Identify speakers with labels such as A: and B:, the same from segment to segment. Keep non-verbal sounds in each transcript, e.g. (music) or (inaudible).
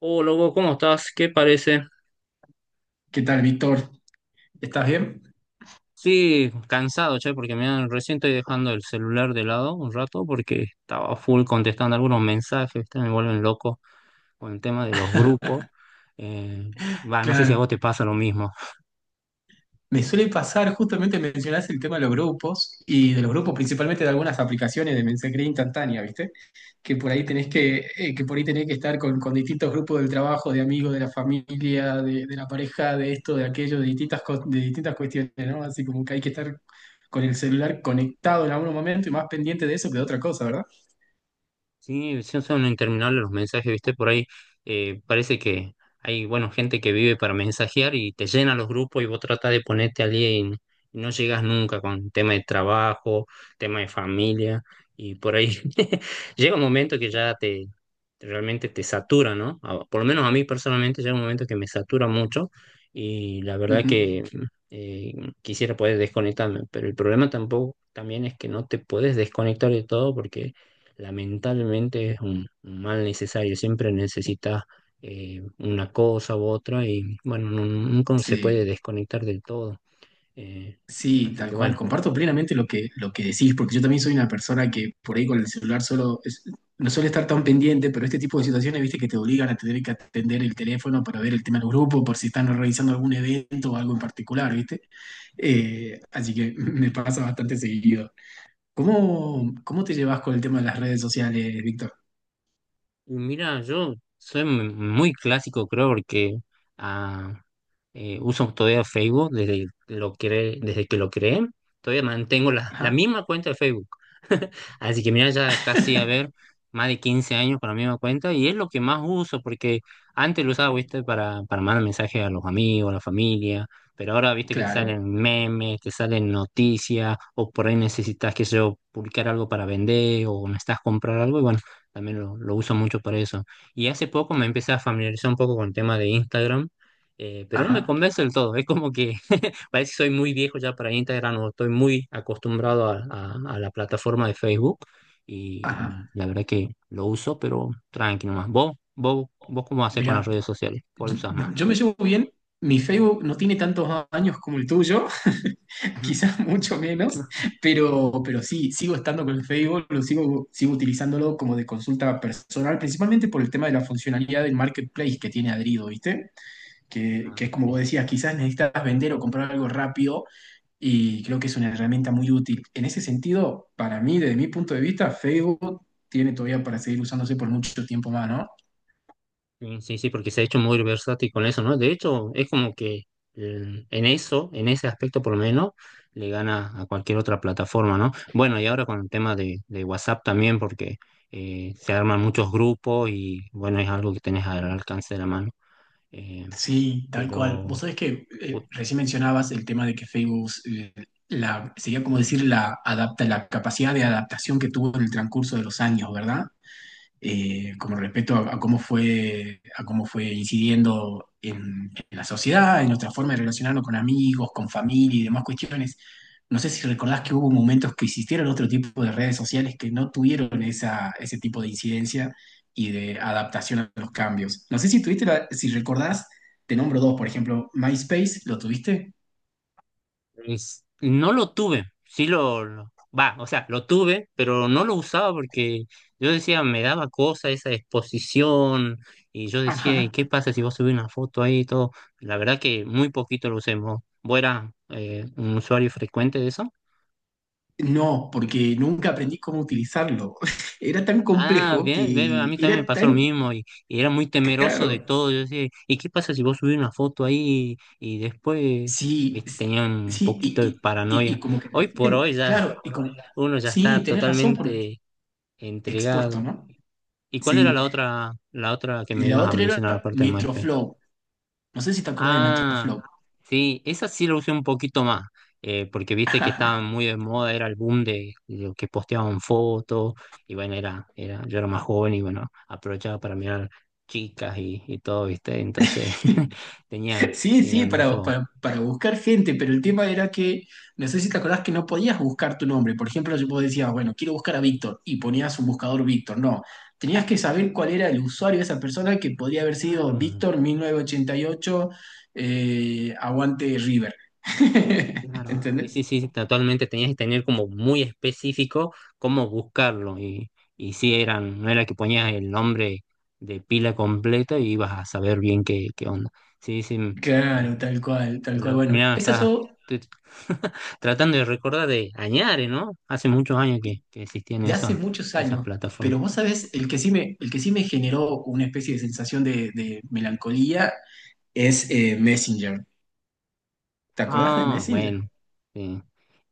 A: Oh, loco, ¿cómo estás? ¿Qué parece?
B: ¿Qué tal, Víctor? ¿Estás bien?
A: Sí, cansado, che, porque me recién estoy dejando el celular de lado un rato porque estaba full contestando algunos mensajes, ¿viste? Me vuelven loco con el tema de los grupos. Eh, Va, no sé si a
B: Claro.
A: vos te pasa lo mismo.
B: Me suele pasar, justamente mencionaste el tema de los grupos y de los grupos principalmente de algunas aplicaciones de mensajería instantánea, ¿viste? Que por ahí tenés que por ahí tenés que estar con distintos grupos del trabajo, de amigos, de la familia, de la pareja, de esto, de aquello, de distintas, de distintas cuestiones, ¿no? Así como que hay que estar con el celular conectado en algún momento y más pendiente de eso que de otra cosa, ¿verdad?
A: Sí, sí, son interminables los mensajes, ¿viste? Por ahí parece que hay, bueno, gente que vive para mensajear y te llena los grupos y vos tratás de ponerte al día y, y no llegas nunca con tema de trabajo, tema de familia y por ahí (laughs) llega un momento que ya te realmente te satura, ¿no? Por lo menos a mí personalmente llega un momento que me satura mucho y la verdad
B: Ujú.
A: que eh, quisiera poder desconectarme, pero el problema tampoco también es que no te puedes desconectar de todo porque lamentablemente es un mal necesario, siempre necesitas una cosa u otra y bueno, nunca se puede
B: Sí.
A: desconectar del todo. eh,
B: Sí,
A: Así
B: tal
A: que
B: cual.
A: bueno,
B: Comparto plenamente lo que decís, porque yo también soy una persona que por ahí con el celular no suele estar tan pendiente, pero este tipo de situaciones, viste, que te obligan a tener que atender el teléfono para ver el tema del grupo, por si están realizando algún evento o algo en particular, viste. Así que (laughs) me pasa bastante seguido. ¿Cómo te llevas con el tema de las redes sociales, Víctor?
A: y mira, yo soy muy clásico creo porque ah, uso todavía Facebook desde desde que lo creé, todavía mantengo la
B: Ajá,
A: misma cuenta de Facebook. (laughs) Así que mira, ya casi a ver, más de 15 años con la misma cuenta y es lo que más uso porque antes lo usaba, viste, para mandar mensajes a los amigos, a la familia, pero ahora, viste, que te
B: claro.
A: salen memes, te salen noticias o por ahí necesitas, que sé yo, publicar algo para vender o necesitas comprar algo y bueno, también lo uso mucho para eso. Y hace poco me empecé a familiarizar un poco con el tema de Instagram, pero no me
B: Ajá,
A: convence del todo. Es como que (laughs) parece que soy muy viejo ya para Instagram o estoy muy acostumbrado a la plataforma de Facebook,
B: ajá.
A: y la verdad que lo uso, pero tranqui nomás. ¿Vos cómo haces con las
B: Mira.
A: redes sociales? ¿Cuál
B: Yo
A: usas más?
B: yo me llevo bien, mi Facebook no tiene tantos años como el tuyo, (laughs)
A: Ujú.
B: quizás mucho menos,
A: (laughs)
B: pero sí, sigo estando con el Facebook, sigo utilizándolo como de consulta personal, principalmente por el tema de la funcionalidad del marketplace que tiene adherido, ¿viste? Que
A: Claro,
B: es como
A: sí.
B: vos decías, quizás necesitas vender o comprar algo rápido y creo que es una herramienta muy útil. En ese sentido, para mí, desde mi punto de vista, Facebook tiene todavía para seguir usándose por mucho tiempo más, ¿no?
A: Sí, sí, sí, porque se ha hecho muy versátil con eso, ¿no? De hecho, es como que en eso, en ese aspecto por lo menos, le gana a cualquier otra plataforma, ¿no? Bueno, y ahora con el tema de WhatsApp también, porque se arman muchos grupos y bueno, es algo que tenés al alcance de la mano. Eh,
B: Sí, tal cual.
A: pero
B: Vos sabés que recién mencionabas el tema de que Facebook, sería como decir la capacidad de adaptación que tuvo en el transcurso de los años, ¿verdad? Eh, como respecto a, cómo fue, a cómo fue incidiendo en la sociedad, en nuestra forma de relacionarnos con amigos, con familia y demás cuestiones. No sé si recordás que hubo momentos que existieron otro tipo de redes sociales que no tuvieron ese tipo de incidencia y de adaptación a los cambios. No sé si tuviste, si recordás, te nombro dos, por ejemplo, MySpace, ¿lo tuviste?
A: Es- no lo tuve, sí lo, va, o sea, lo tuve, pero no lo usaba porque yo decía, me daba cosa esa exposición y yo decía, ¿y
B: Ajá.
A: qué pasa si vos subís una foto ahí y todo? La verdad que muy poquito lo usemos. ¿Vos eras, un usuario frecuente de eso?
B: No, porque nunca aprendí cómo utilizarlo. (laughs) Era tan
A: Ah,
B: complejo
A: bien,
B: que
A: bien, a mí
B: era
A: también me pasó lo
B: tan
A: mismo y era muy temeroso de
B: caro.
A: todo. Yo decía, ¿y qué pasa si vos subís una foto ahí y, después,
B: Sí,
A: viste, tenía
B: sí,
A: un
B: sí, y,
A: poquito de
B: y- y-
A: paranoia?
B: y como que
A: Hoy por
B: recién,
A: hoy ya
B: claro,
A: (laughs)
B: y como,
A: uno ya
B: sí,
A: está
B: tenés razón por
A: totalmente
B: expuesto,
A: entregado.
B: ¿no?
A: ¿Y cuál era
B: Sí,
A: la otra que
B: y
A: me
B: la
A: ibas a
B: otra era
A: mencionar aparte de MySpace?
B: Metroflow. No sé si te acordás de
A: Ah,
B: Metroflow.
A: sí, esa sí la usé un poquito más, porque viste que estaba
B: (laughs)
A: muy de moda, era el boom de lo que posteaban fotos, y bueno, yo era más joven y bueno, aprovechaba para mirar chicas y todo, ¿viste? Entonces (laughs) tenía,
B: Sí,
A: tenía
B: sí,
A: un uso
B: para buscar gente, pero el tema era que, no sé si te acordás que no podías buscar tu nombre. Por ejemplo, yo vos decías, bueno, quiero buscar a Víctor y ponías un buscador Víctor. No, tenías que saber cuál era el usuario de esa persona que podría haber sido
A: claro.
B: Víctor 1988, aguante River. (laughs)
A: Claro. Sí,
B: ¿Entendés?
A: sí, sí, totalmente tenías que tener como muy específico cómo buscarlo y sí eran, no era que ponías el nombre de pila completa y ibas a saber bien qué, qué onda. Sí, sí, eh,
B: Claro, tal cual, tal cual.
A: mira,
B: Bueno,
A: mira,
B: esas
A: está,
B: son
A: estoy (laughs) tratando de recordar de Añare, ¿no? Hace muchos años que existían
B: de hace
A: esas,
B: muchos
A: esas
B: años, pero
A: plataformas.
B: vos sabés, el que sí me generó una especie de sensación de melancolía es Messenger. ¿Te acordás de
A: Ah, bueno,
B: Messenger?
A: sí.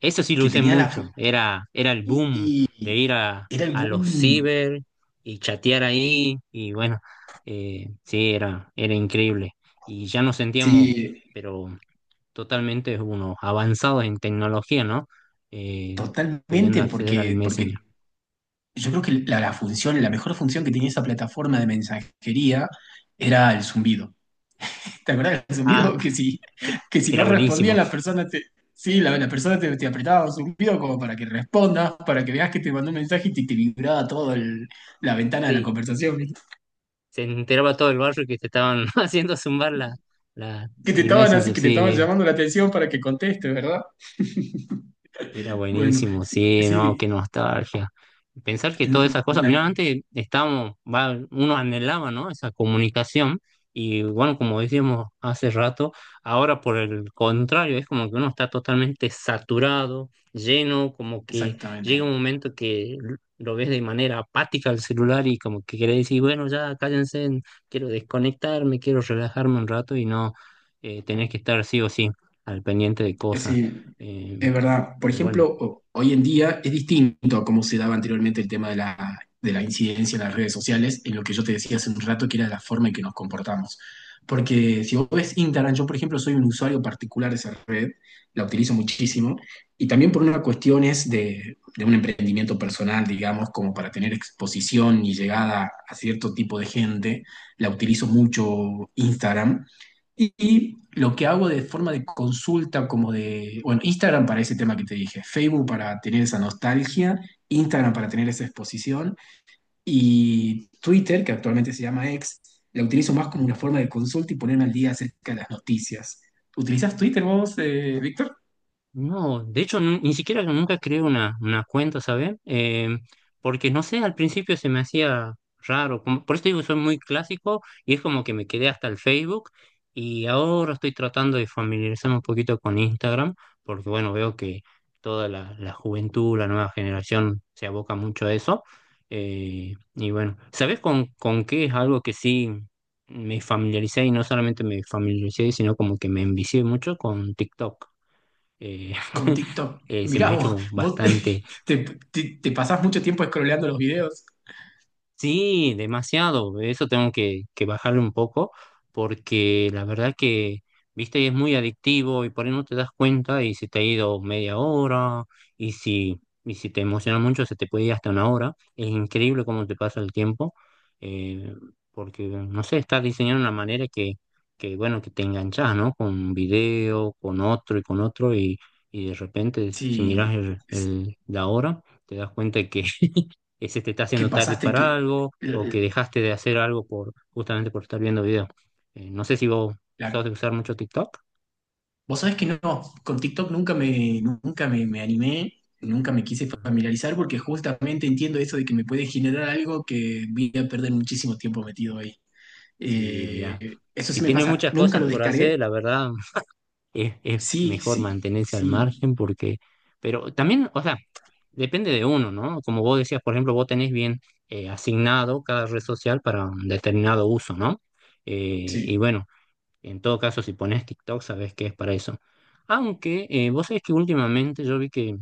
A: Eso sí lo
B: Que
A: usé
B: tenía la...
A: mucho. Era el boom de
B: Y
A: ir a,
B: era el
A: a los
B: boom.
A: ciber y chatear ahí. Y bueno, sí, era increíble. Y ya nos sentíamos,
B: Sí,
A: pero totalmente unos avanzados en tecnología, ¿no? Eh, Pudiendo
B: totalmente,
A: acceder al Messenger.
B: porque yo creo que la función, la mejor función que tenía esa plataforma de mensajería era el zumbido. ¿Te acuerdas del
A: Ah,
B: zumbido? (laughs)
A: e,
B: Que si
A: era
B: no respondía
A: buenísimo.
B: la persona te... Sí, la persona te apretaba un zumbido como para que respondas, para que veas que te mandó un mensaje te vibraba toda la ventana de la
A: Sí,
B: conversación.
A: se enteraba todo el barrio que te estaban (laughs) haciendo zumbar la,
B: Que te
A: el
B: estaban así,
A: Messenger.
B: que te estaban
A: Sí,
B: llamando la atención para que contestes, ¿verdad? (laughs)
A: era
B: Bueno,
A: buenísimo,
B: sí,
A: sí, no,
B: sí,
A: qué nostalgia. Pensar que
B: n-
A: todas esas cosas,
B: n-
A: mira, antes estábamos, va, uno anhelaba, ¿no? Esa comunicación y bueno, como decíamos hace rato, ahora por el contrario, es como que uno está totalmente saturado, lleno, como que llega
B: exactamente.
A: un momento que lo ves de manera apática al celular y como que querés decir, bueno, ya cállense, quiero desconectarme, quiero relajarme un rato y no, tenés que estar sí o sí al pendiente de
B: Es
A: cosas.
B: decir,
A: Eh,
B: es verdad. Por
A: pero bueno,
B: ejemplo, hoy en día es distinto a cómo se daba anteriormente el tema de de la incidencia en las redes sociales, en lo que yo te decía hace un rato, que era la forma en que nos comportamos. Porque si vos ves Instagram, yo por ejemplo soy un usuario particular de esa red, la utilizo muchísimo, y también por una cuestión es de un emprendimiento personal, digamos, como para tener exposición y llegada a cierto tipo de gente, la utilizo mucho Instagram y lo que hago de forma de consulta, como de, bueno, Instagram para ese tema que te dije, Facebook para tener esa nostalgia, Instagram para tener esa exposición y Twitter, que actualmente se llama X, la utilizo más como una forma de consulta y ponerme al día acerca de las noticias. ¿Utilizas Twitter vos, Víctor?
A: no, de hecho ni siquiera nunca creé una cuenta, ¿sabes? Porque no sé, al principio se me hacía raro, como, por eso te digo, soy muy clásico y es como que me quedé hasta el Facebook y ahora estoy tratando de familiarizarme un poquito con Instagram, porque bueno, veo que toda la, la juventud, la nueva generación se aboca mucho a eso. Y bueno, ¿sabes con qué es algo que sí me familiaricé y no solamente me familiaricé, sino como que me envicié mucho con TikTok? eh,
B: Con
A: (laughs)
B: TikTok.
A: Se me
B: Mirá
A: ha
B: vos,
A: hecho
B: vos
A: bastante.
B: (laughs) te, te pasás mucho tiempo scrolleando los videos.
A: Sí, demasiado. Eso tengo que, bajarle un poco porque la verdad que, viste, es muy adictivo y por ahí no te das cuenta y se te ha ido media hora y si te emociona mucho se te puede ir hasta una hora. Es increíble cómo te pasa el tiempo, eh, porque, no sé, estás diseñado de una manera que, bueno, que te enganchas, ¿no? Con un video, con otro y de repente si miras
B: Sí, es
A: la hora te das cuenta que se te está
B: que
A: haciendo tarde
B: pasaste que
A: para algo o que dejaste de hacer algo por justamente por estar viendo video. No sé si vos
B: la,
A: sos de usar mucho TikTok.
B: vos sabés que no, con TikTok nunca me, nunca me, me animé, nunca me quise
A: Ajá.
B: familiarizar porque justamente entiendo eso de que me puede generar algo que voy a perder muchísimo tiempo metido ahí.
A: Sí, mira,
B: Eso
A: si
B: sí me
A: tienes
B: pasa,
A: muchas
B: nunca
A: cosas
B: lo
A: por hacer,
B: descargué.
A: la verdad (laughs) es
B: Sí,
A: mejor
B: sí,
A: mantenerse al
B: sí,
A: margen porque, pero también, o sea, depende de uno, ¿no? Como vos decías, por ejemplo, vos tenés bien, asignado cada red social para un determinado uso, ¿no? Y
B: sí,
A: bueno, en todo caso, si pones TikTok, sabes que es para eso. Aunque, vos sabés que últimamente yo vi que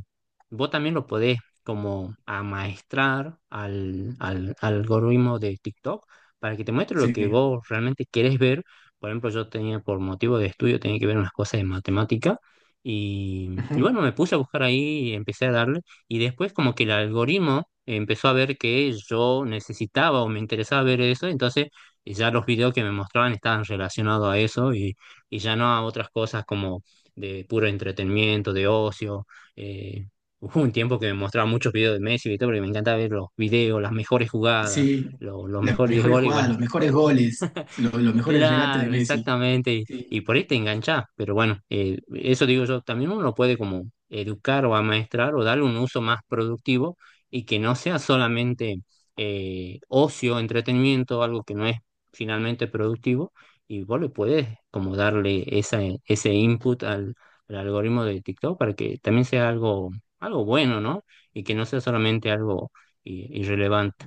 A: vos también lo podés como amaestrar al algoritmo de TikTok para que te muestre lo
B: sí.
A: que vos realmente querés ver. Por ejemplo, yo tenía por motivo de estudio, tenía que ver unas cosas de matemática y
B: Ujú.
A: bueno, me puse a buscar ahí y empecé a darle y después como que el algoritmo empezó a ver que yo necesitaba o me interesaba ver eso, entonces y ya los videos que me mostraban estaban relacionados a eso y ya no a otras cosas como de puro entretenimiento, de ocio. eh, Hubo un tiempo que me mostraba muchos videos de Messi y todo, porque me encanta ver los videos, las mejores jugadas,
B: Sí,
A: los
B: las
A: mejores 10
B: mejores
A: goles y
B: jugadas,
A: bueno,
B: los mejores goles, los mejores regates de
A: claro,
B: Messi.
A: exactamente. Y
B: Sí,
A: por ahí te enganchás. Pero bueno, eso digo yo, también uno puede como educar o amaestrar o darle un uso más productivo y que no sea solamente, ocio, entretenimiento, algo que no es finalmente productivo. Y vos le podés como darle ese input al algoritmo de TikTok para que también sea algo, bueno, ¿no? Y que no sea solamente algo, irrelevante.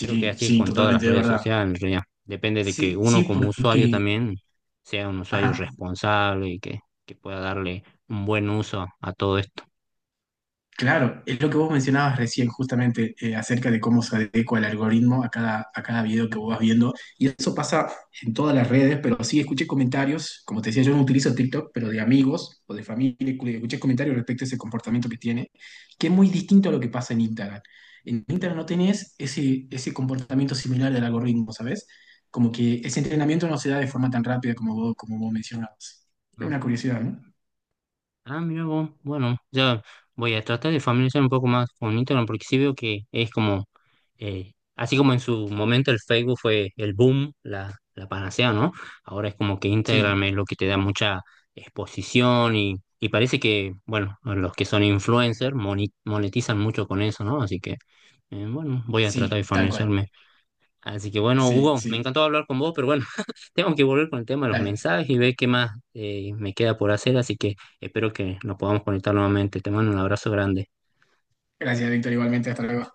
A: Creo que así es
B: sí,
A: con todas las
B: totalmente de
A: redes
B: verdad.
A: sociales, ya. Depende de que
B: Sí,
A: uno
B: sí,
A: como usuario
B: porque...
A: también sea un usuario
B: Ajá.
A: responsable y que pueda darle un buen uso a todo esto.
B: Claro, es lo que vos mencionabas recién justamente acerca de cómo se adecua el algoritmo a cada video que vos vas viendo. Y eso pasa en todas las redes, pero sí escuché comentarios, como te decía, yo no utilizo TikTok, pero de amigos o de familia, que escuché comentarios respecto a ese comportamiento que tiene, que es muy distinto a lo que pasa en Instagram. En Instagram no tenés ese comportamiento similar del algoritmo, ¿sabes? Como que ese entrenamiento no se da de forma tan rápida como vos mencionabas. Es
A: Ah,
B: una curiosidad, ¿no?
A: ah, mira vos, bueno, ya voy a tratar de familiarizar un poco más con Instagram porque sí veo que es como, así como en su momento el Facebook fue el boom, la panacea, ¿no? Ahora es como que
B: Sí,
A: Instagram es lo que te da mucha exposición y parece que, bueno, los que son influencers monetizan mucho con eso, ¿no? Así que... Bueno, voy a tratar de
B: sí, tal cual.
A: familiarizarme. Así que bueno,
B: Sí,
A: Hugo, me
B: sí.
A: encantó hablar con vos, pero bueno, (laughs) tengo que volver con el tema de los
B: Dale.
A: mensajes y ver qué más, me queda por hacer, así que espero que nos podamos conectar nuevamente. Te mando un abrazo grande.
B: Gracias, Víctor, igualmente. Hasta luego.